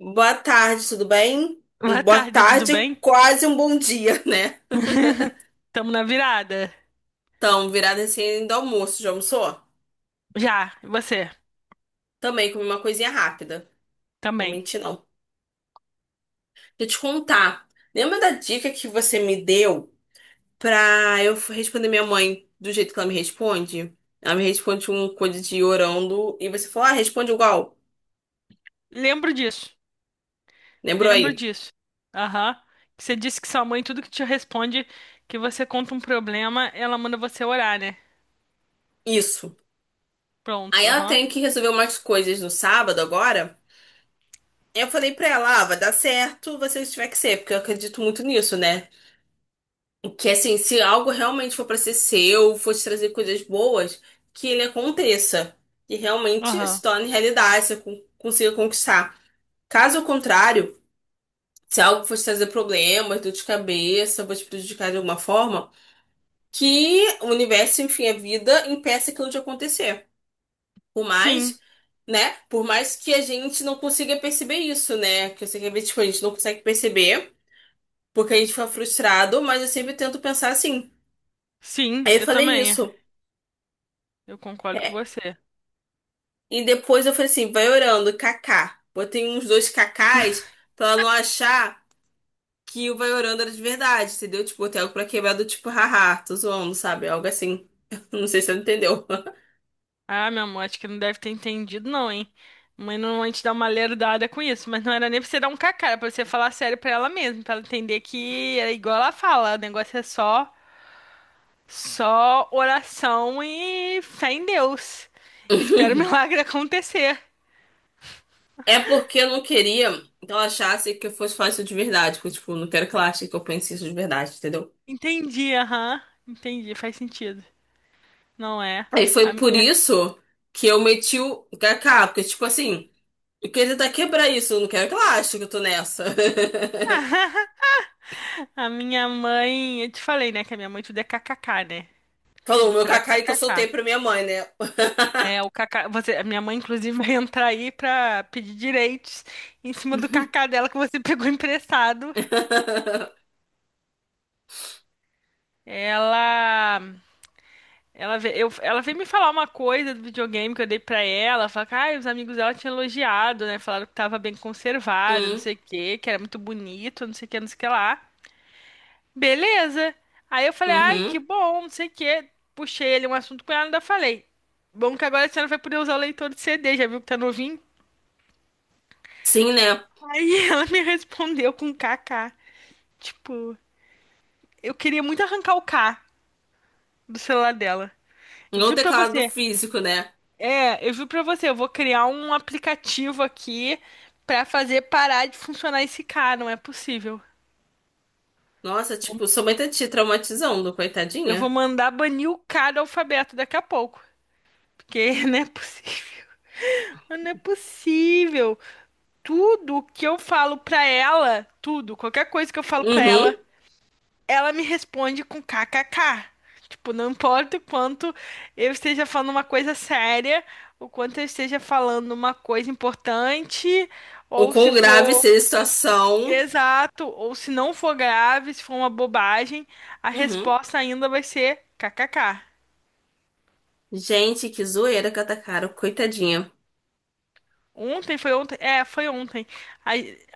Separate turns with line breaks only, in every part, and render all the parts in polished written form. Boa tarde, tudo bem?
Boa
Boa
tarde, tudo
tarde,
bem?
quase um bom dia, né?
Tamo na virada.
Então, virada assim do almoço, já almoçou?
Já, e você
Também comi uma coisinha rápida. Vou
também.
mentir, não. Deixa eu te contar. Lembra da dica que você me deu pra eu responder minha mãe do jeito que ela me responde? Ela me responde um coisa de orando e você falou, ah, responde igual.
Lembro disso.
Lembrou
Lembro
aí?
disso. Aham. Você disse que sua mãe, tudo que te responde, que você conta um problema, ela manda você orar, né?
Isso. Aí
Pronto,
ela
aham.
tem que resolver umas coisas no sábado agora. Eu falei pra ela, ah, vai dar certo, você tiver que ser, porque eu acredito muito nisso, né? Que assim, se algo realmente for pra ser seu, for te trazer coisas boas, que ele aconteça. E realmente se
Aham.
torne realidade, você consiga conquistar. Caso contrário, se algo for te trazer problemas, dor de cabeça, for te prejudicar de alguma forma, que o universo, enfim, a vida, impeça aquilo de acontecer. Por mais,
Sim,
né? Por mais que a gente não consiga perceber isso, né? Que eu sei que às vezes, tipo, a gente não consegue perceber, porque a gente fica frustrado, mas eu sempre tento pensar assim.
sim,
Aí eu
eu
falei
também.
isso.
Eu concordo com você.
E depois eu falei assim, vai orando, Kaká. Botei uns dois Kakás pra ela não achar que o vai orando era de verdade, entendeu? Tipo, botei algo pra quebrar do tipo, haha, tô zoando, sabe? Algo assim. Não sei se você entendeu.
Ah, meu amor, acho que não deve ter entendido, não, hein? Mãe normalmente dá uma lerdada com isso, mas não era nem pra você dar um cacá, era pra você falar sério pra ela mesmo, pra ela entender que é igual ela fala, o negócio é só. Só oração e fé em Deus. Espero o milagre acontecer.
É porque eu não queria que ela achasse que eu fosse falar isso de verdade. Porque, tipo, eu não quero que ela ache que eu pense isso de verdade, entendeu?
Entendi, aham. Entendi, faz sentido. Não é?
Aí
A
foi por
minha,
isso que eu meti o Kaká, porque, tipo assim, eu queria tentar quebrar isso, eu não quero que ela ache que eu tô nessa.
a minha mãe, eu te falei, né, que a minha mãe tudo é kkk, né?
Falou o
Tudo
meu
pra ela é
Kaká aí que eu soltei
kkk.
pra minha mãe, né?
É, o kkk, você, a minha mãe inclusive vai entrar aí pra pedir direitos em cima do kkk dela que você pegou emprestado. Ela ela veio me falar uma coisa do videogame que eu dei pra ela. Falar que ah, os amigos dela tinham elogiado, né? Falaram que tava bem conservado, não
Hum,
sei o quê, que era muito bonito, não sei o que, não sei o que lá. Beleza. Aí eu falei, ai, que
uhum.
bom, não sei o quê. Puxei ele um assunto com ela e ainda falei. Bom que agora a senhora vai poder usar o leitor de CD, já viu que tá novinho?
Sim, né?
Aí ela me respondeu com KK. Tipo, eu queria muito arrancar o K do celular dela. Eu
Não o
fui pra
teclado
você.
físico, né?
É, eu juro pra você, eu vou criar um aplicativo aqui pra fazer parar de funcionar esse cara, não é possível.
Nossa, tipo, sua mãe tá te traumatizando,
Eu vou
coitadinha.
mandar banir o cara do alfabeto daqui a pouco, porque não é possível. Não é possível. Tudo que eu falo pra ela, tudo, qualquer coisa que eu falo pra ela,
Uhum.
ela me responde com kkk. Tipo, não importa o quanto eu esteja falando uma coisa séria, o quanto eu esteja falando uma coisa importante,
O
ou
quão
se
grave
for.
seja a situação.
Exato, ou se não for grave, se for uma bobagem, a
Uhum.
resposta ainda vai ser kkk.
Gente, que zoeira que atacaram, coitadinha.
Ontem foi ontem, é, foi ontem. A,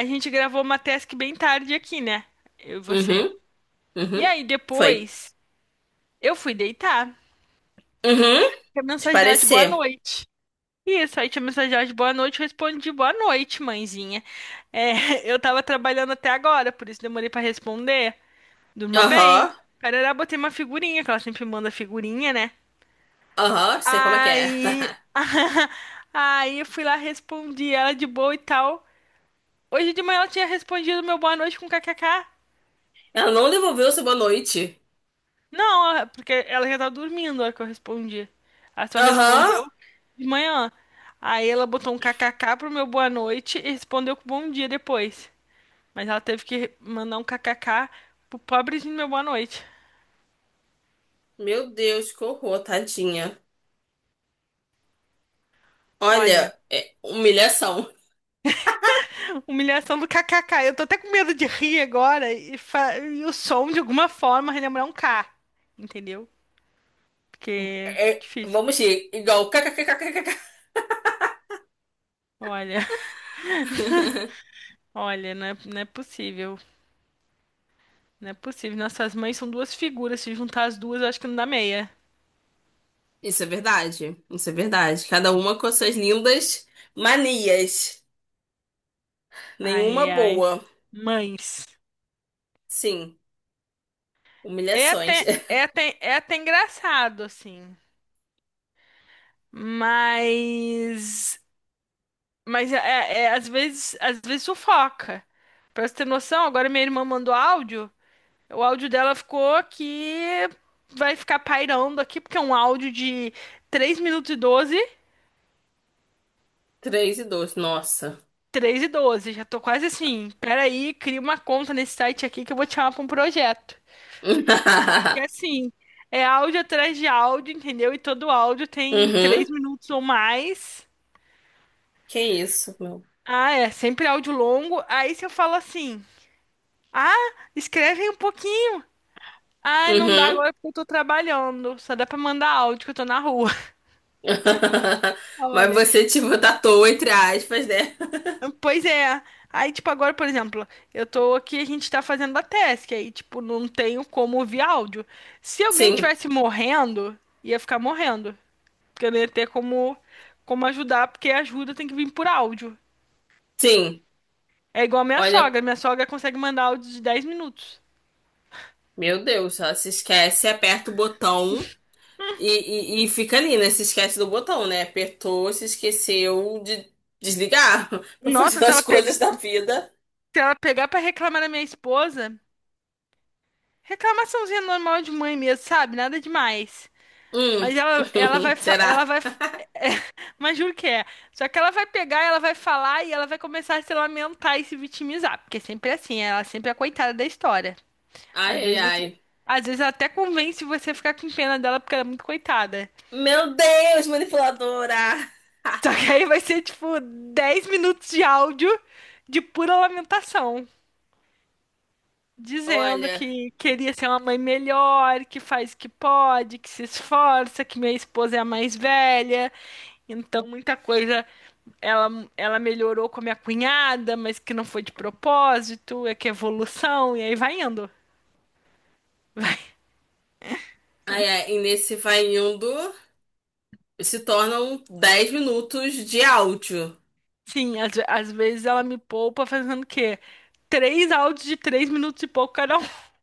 a gente gravou uma task bem tarde aqui, né? Eu e você.
Uhum,
E
uhum.
aí
Foi.
depois eu fui deitar.
Uhum.
Tinha
Te
mensagem dela de boa
parecer.
noite. Isso, aí tinha mensagem dela de boa noite, eu respondi boa noite, mãezinha. É, eu tava trabalhando até agora, por isso demorei pra responder. Durma bem.
Aham,
Carará, botei uma figurinha, que ela sempre manda figurinha, né?
aham, sei como é que é.
Aí, aí eu fui lá, respondi ela de boa e tal. Hoje de manhã ela tinha respondido meu boa noite com kkk.
Ela não devolveu sua boa noite.
Não, é porque ela já tava dormindo na hora que eu respondi. Ela só
Aham.
respondeu de manhã. Aí ela botou um kkk pro meu boa noite e respondeu com bom dia depois. Mas ela teve que mandar um kkk pro pobrezinho do meu boa noite.
Meu Deus, que horror, tadinha.
Olha,
Olha, é humilhação.
humilhação do kkk. Eu tô até com medo de rir agora e o som de alguma forma relembrar um K, entendeu? Porque é
É,
difícil.
vamos ir, igual kkkkk.
Olha, olha, não é, não é possível. Não é possível. Nossas mães são duas figuras. Se juntar as duas, eu acho que não dá meia.
Isso é verdade. Isso é verdade. Cada uma com suas lindas manias. Nenhuma
Ai, ai.
boa.
Mães.
Sim,
É
humilhações.
até, é até, é até engraçado, assim. Mas. Mas às vezes sufoca. Pra você ter noção, agora minha irmã mandou áudio. O áudio dela ficou que vai ficar pairando aqui, porque é um áudio de 3 minutos e 12
Três e dois. Nossa.
3 e 12 já tô quase assim. Peraí, cria uma conta nesse site aqui que eu vou te chamar pra um projeto. Porque assim, é áudio atrás de áudio, entendeu? E todo áudio tem
Uhum.
3 minutos ou mais.
Que isso, meu.
Ah, é, sempre áudio longo. Aí se eu falo assim, ah, escreve aí um pouquinho. Ah, não dá
Uhum.
agora porque eu tô trabalhando. Só dá pra mandar áudio que eu tô na rua.
Mas
Olha.
você, tipo, tatuou entre aspas, né?
Pois é. Aí, tipo, agora, por exemplo, eu tô aqui, a gente tá fazendo a task, aí, tipo, não tenho como ouvir áudio. Se alguém
Sim,
tivesse morrendo, ia ficar morrendo. Porque eu não ia ter como ajudar, porque a ajuda tem que vir por áudio.
sim.
É igual a minha
Olha,
sogra. Minha sogra consegue mandar áudio de 10 minutos.
meu Deus, ela se esquece, aperta o botão. E fica ali, né? Se esquece do botão, né? Apertou, se esqueceu de desligar pra
Nossa,
fazer as coisas da vida.
se ela pegar pra reclamar da minha esposa, reclamaçãozinha normal de mãe mesmo, sabe? Nada demais.
Hum.
Mas ela, ela vai, fa- ela
Será?
vai, mas juro que é. Só que ela vai pegar, ela vai falar e ela vai começar a se lamentar e se vitimizar, porque sempre é assim, ela sempre é a coitada da história.
Ai,
Às
ai,
vezes você,
ai.
às vezes ela até convence você a ficar com pena dela porque ela é muito coitada.
Meu Deus, manipuladora!
Só que aí vai ser tipo 10 minutos de áudio de pura lamentação, dizendo
Olha,
que queria ser uma mãe melhor, que faz o que pode, que se esforça, que minha esposa é a mais velha, então muita coisa ela, ela melhorou com a minha cunhada, mas que não foi de propósito, é que é evolução, e aí vai indo. Vai.
ai, ai, e nesse vai indo, se tornam 10 minutos de áudio.
Sim, às vezes ela me poupa fazendo o quê? Três áudios de 3 minutos e pouco cada um.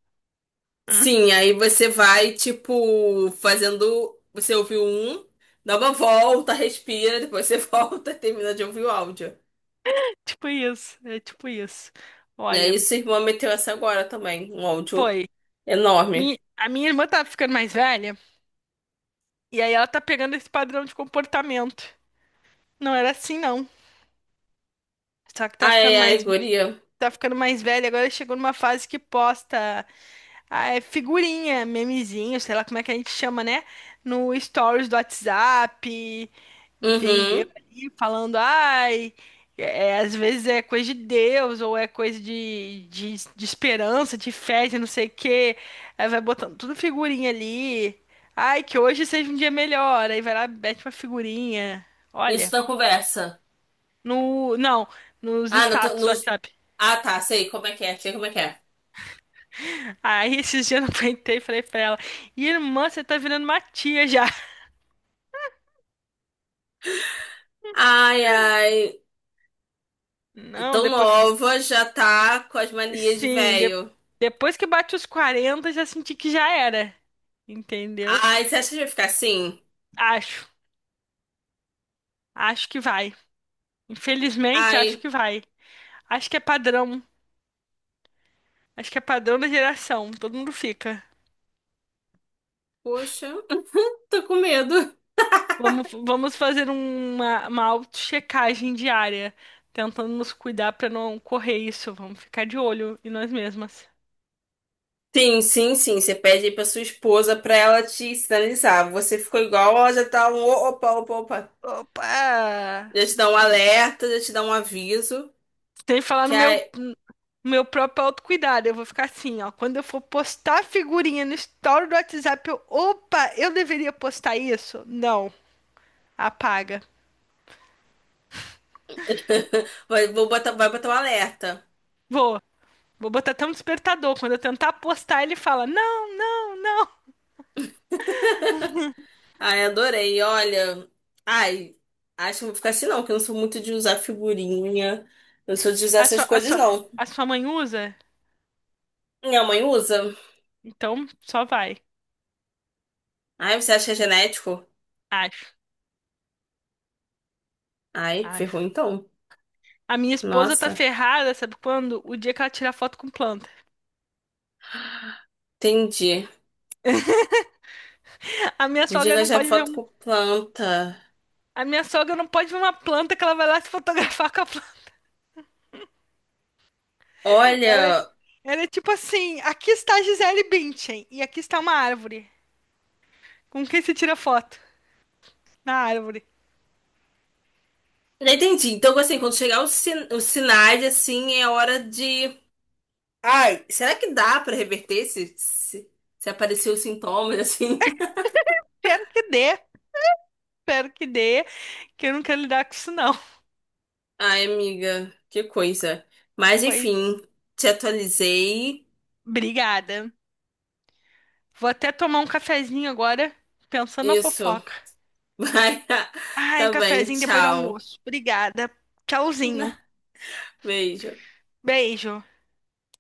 Sim, aí você vai, tipo, fazendo. Você ouviu um, dá uma volta, respira, depois você volta e termina de ouvir o áudio.
Tipo isso, é tipo isso.
E
Olha,
aí, sua irmã meteu essa agora também, um áudio
foi.
enorme.
A minha irmã tá ficando mais velha, e aí ela tá pegando esse padrão de comportamento. Não era assim, não. Só que
Ai, ai, ai, guria.
tá ficando mais velha, agora chegou numa fase que posta. Ah, é figurinha, memezinho, sei lá como é que a gente chama, né? No stories do WhatsApp, entendeu?
Uhum.
Ali falando, ai, é, é, às vezes é coisa de Deus, ou é coisa de esperança, de fé, de não sei o quê. Aí vai botando tudo figurinha ali. Ai, que hoje seja um dia melhor. Aí vai lá, mete uma figurinha.
Isso
Olha,
na conversa.
no, não, nos
Ah, no,
status do
nos...
WhatsApp.
ah, tá, sei como é que é, sei como é que é.
Aí esses dias eu não aguentei e falei pra ela, irmã, você tá virando uma tia já.
Ai, ai,
Não,
tão
depois.
nova, já tá com as manias de
Sim,
velho.
depois que bate os 40 já senti que já era. Entendeu?
Ai, você acha que vai ficar assim?
Acho. Acho que vai. Infelizmente, acho
Ai,
que vai. Acho que é padrão. Acho que é padrão da geração. Todo mundo fica.
poxa, tô com medo.
Vamos fazer uma auto-checagem diária. Tentando nos cuidar para não correr isso. Vamos ficar de olho em nós mesmas.
Sim, sim, sim, você pede aí pra sua esposa pra ela te sinalizar. Você ficou igual, ela já tá um opa, opa, opa.
Opa!
Já te dá um alerta, já te dá um aviso.
Sem falar
Que
no
ai,
meu Meu próprio autocuidado. Eu vou ficar assim, ó. Quando eu for postar figurinha no story do WhatsApp, eu, opa, eu deveria postar isso? Não. Apaga.
vai, vou botar, vai botar um alerta.
Vou. Vou botar até um despertador. Quando eu tentar postar, ele fala: não, não.
Ai, adorei. Olha, ai, acho que não vou ficar assim não, que eu não sou muito de usar figurinha. Eu não sou de usar
A
essas
sua, a
coisas,
sua,
não.
a sua mãe usa?
Minha mãe usa.
Então só vai.
Ai, você acha que é genético?
Acho,
Ai, ferrou
acho.
então.
A minha esposa tá
Nossa,
ferrada, sabe quando? O dia que ela tira foto com planta.
entendi.
A minha
Podia
sogra não
gastar
pode ver
foto
um,
com planta.
a minha sogra não pode ver uma planta que ela vai lá se fotografar com a planta. Ela é,
Olha,
ela é tipo assim: aqui está Gisele Bündchen e aqui está uma árvore. Com quem se tira foto? Na árvore.
já entendi. Então, assim, quando chegar os, sin os sinais, assim, é hora de. Ai, será que dá pra reverter se aparecer os sintomas, assim?
Espero que dê, espero que dê, que eu não quero lidar com isso, não.
Ai, amiga, que coisa. Mas
Pois,
enfim, te atualizei.
obrigada. Vou até tomar um cafezinho agora, pensando na
Isso.
fofoca.
Vai.
Ai, um
Tá bem,
cafezinho depois do
tchau.
almoço. Obrigada. Tchauzinho.
Beijo.
Beijo.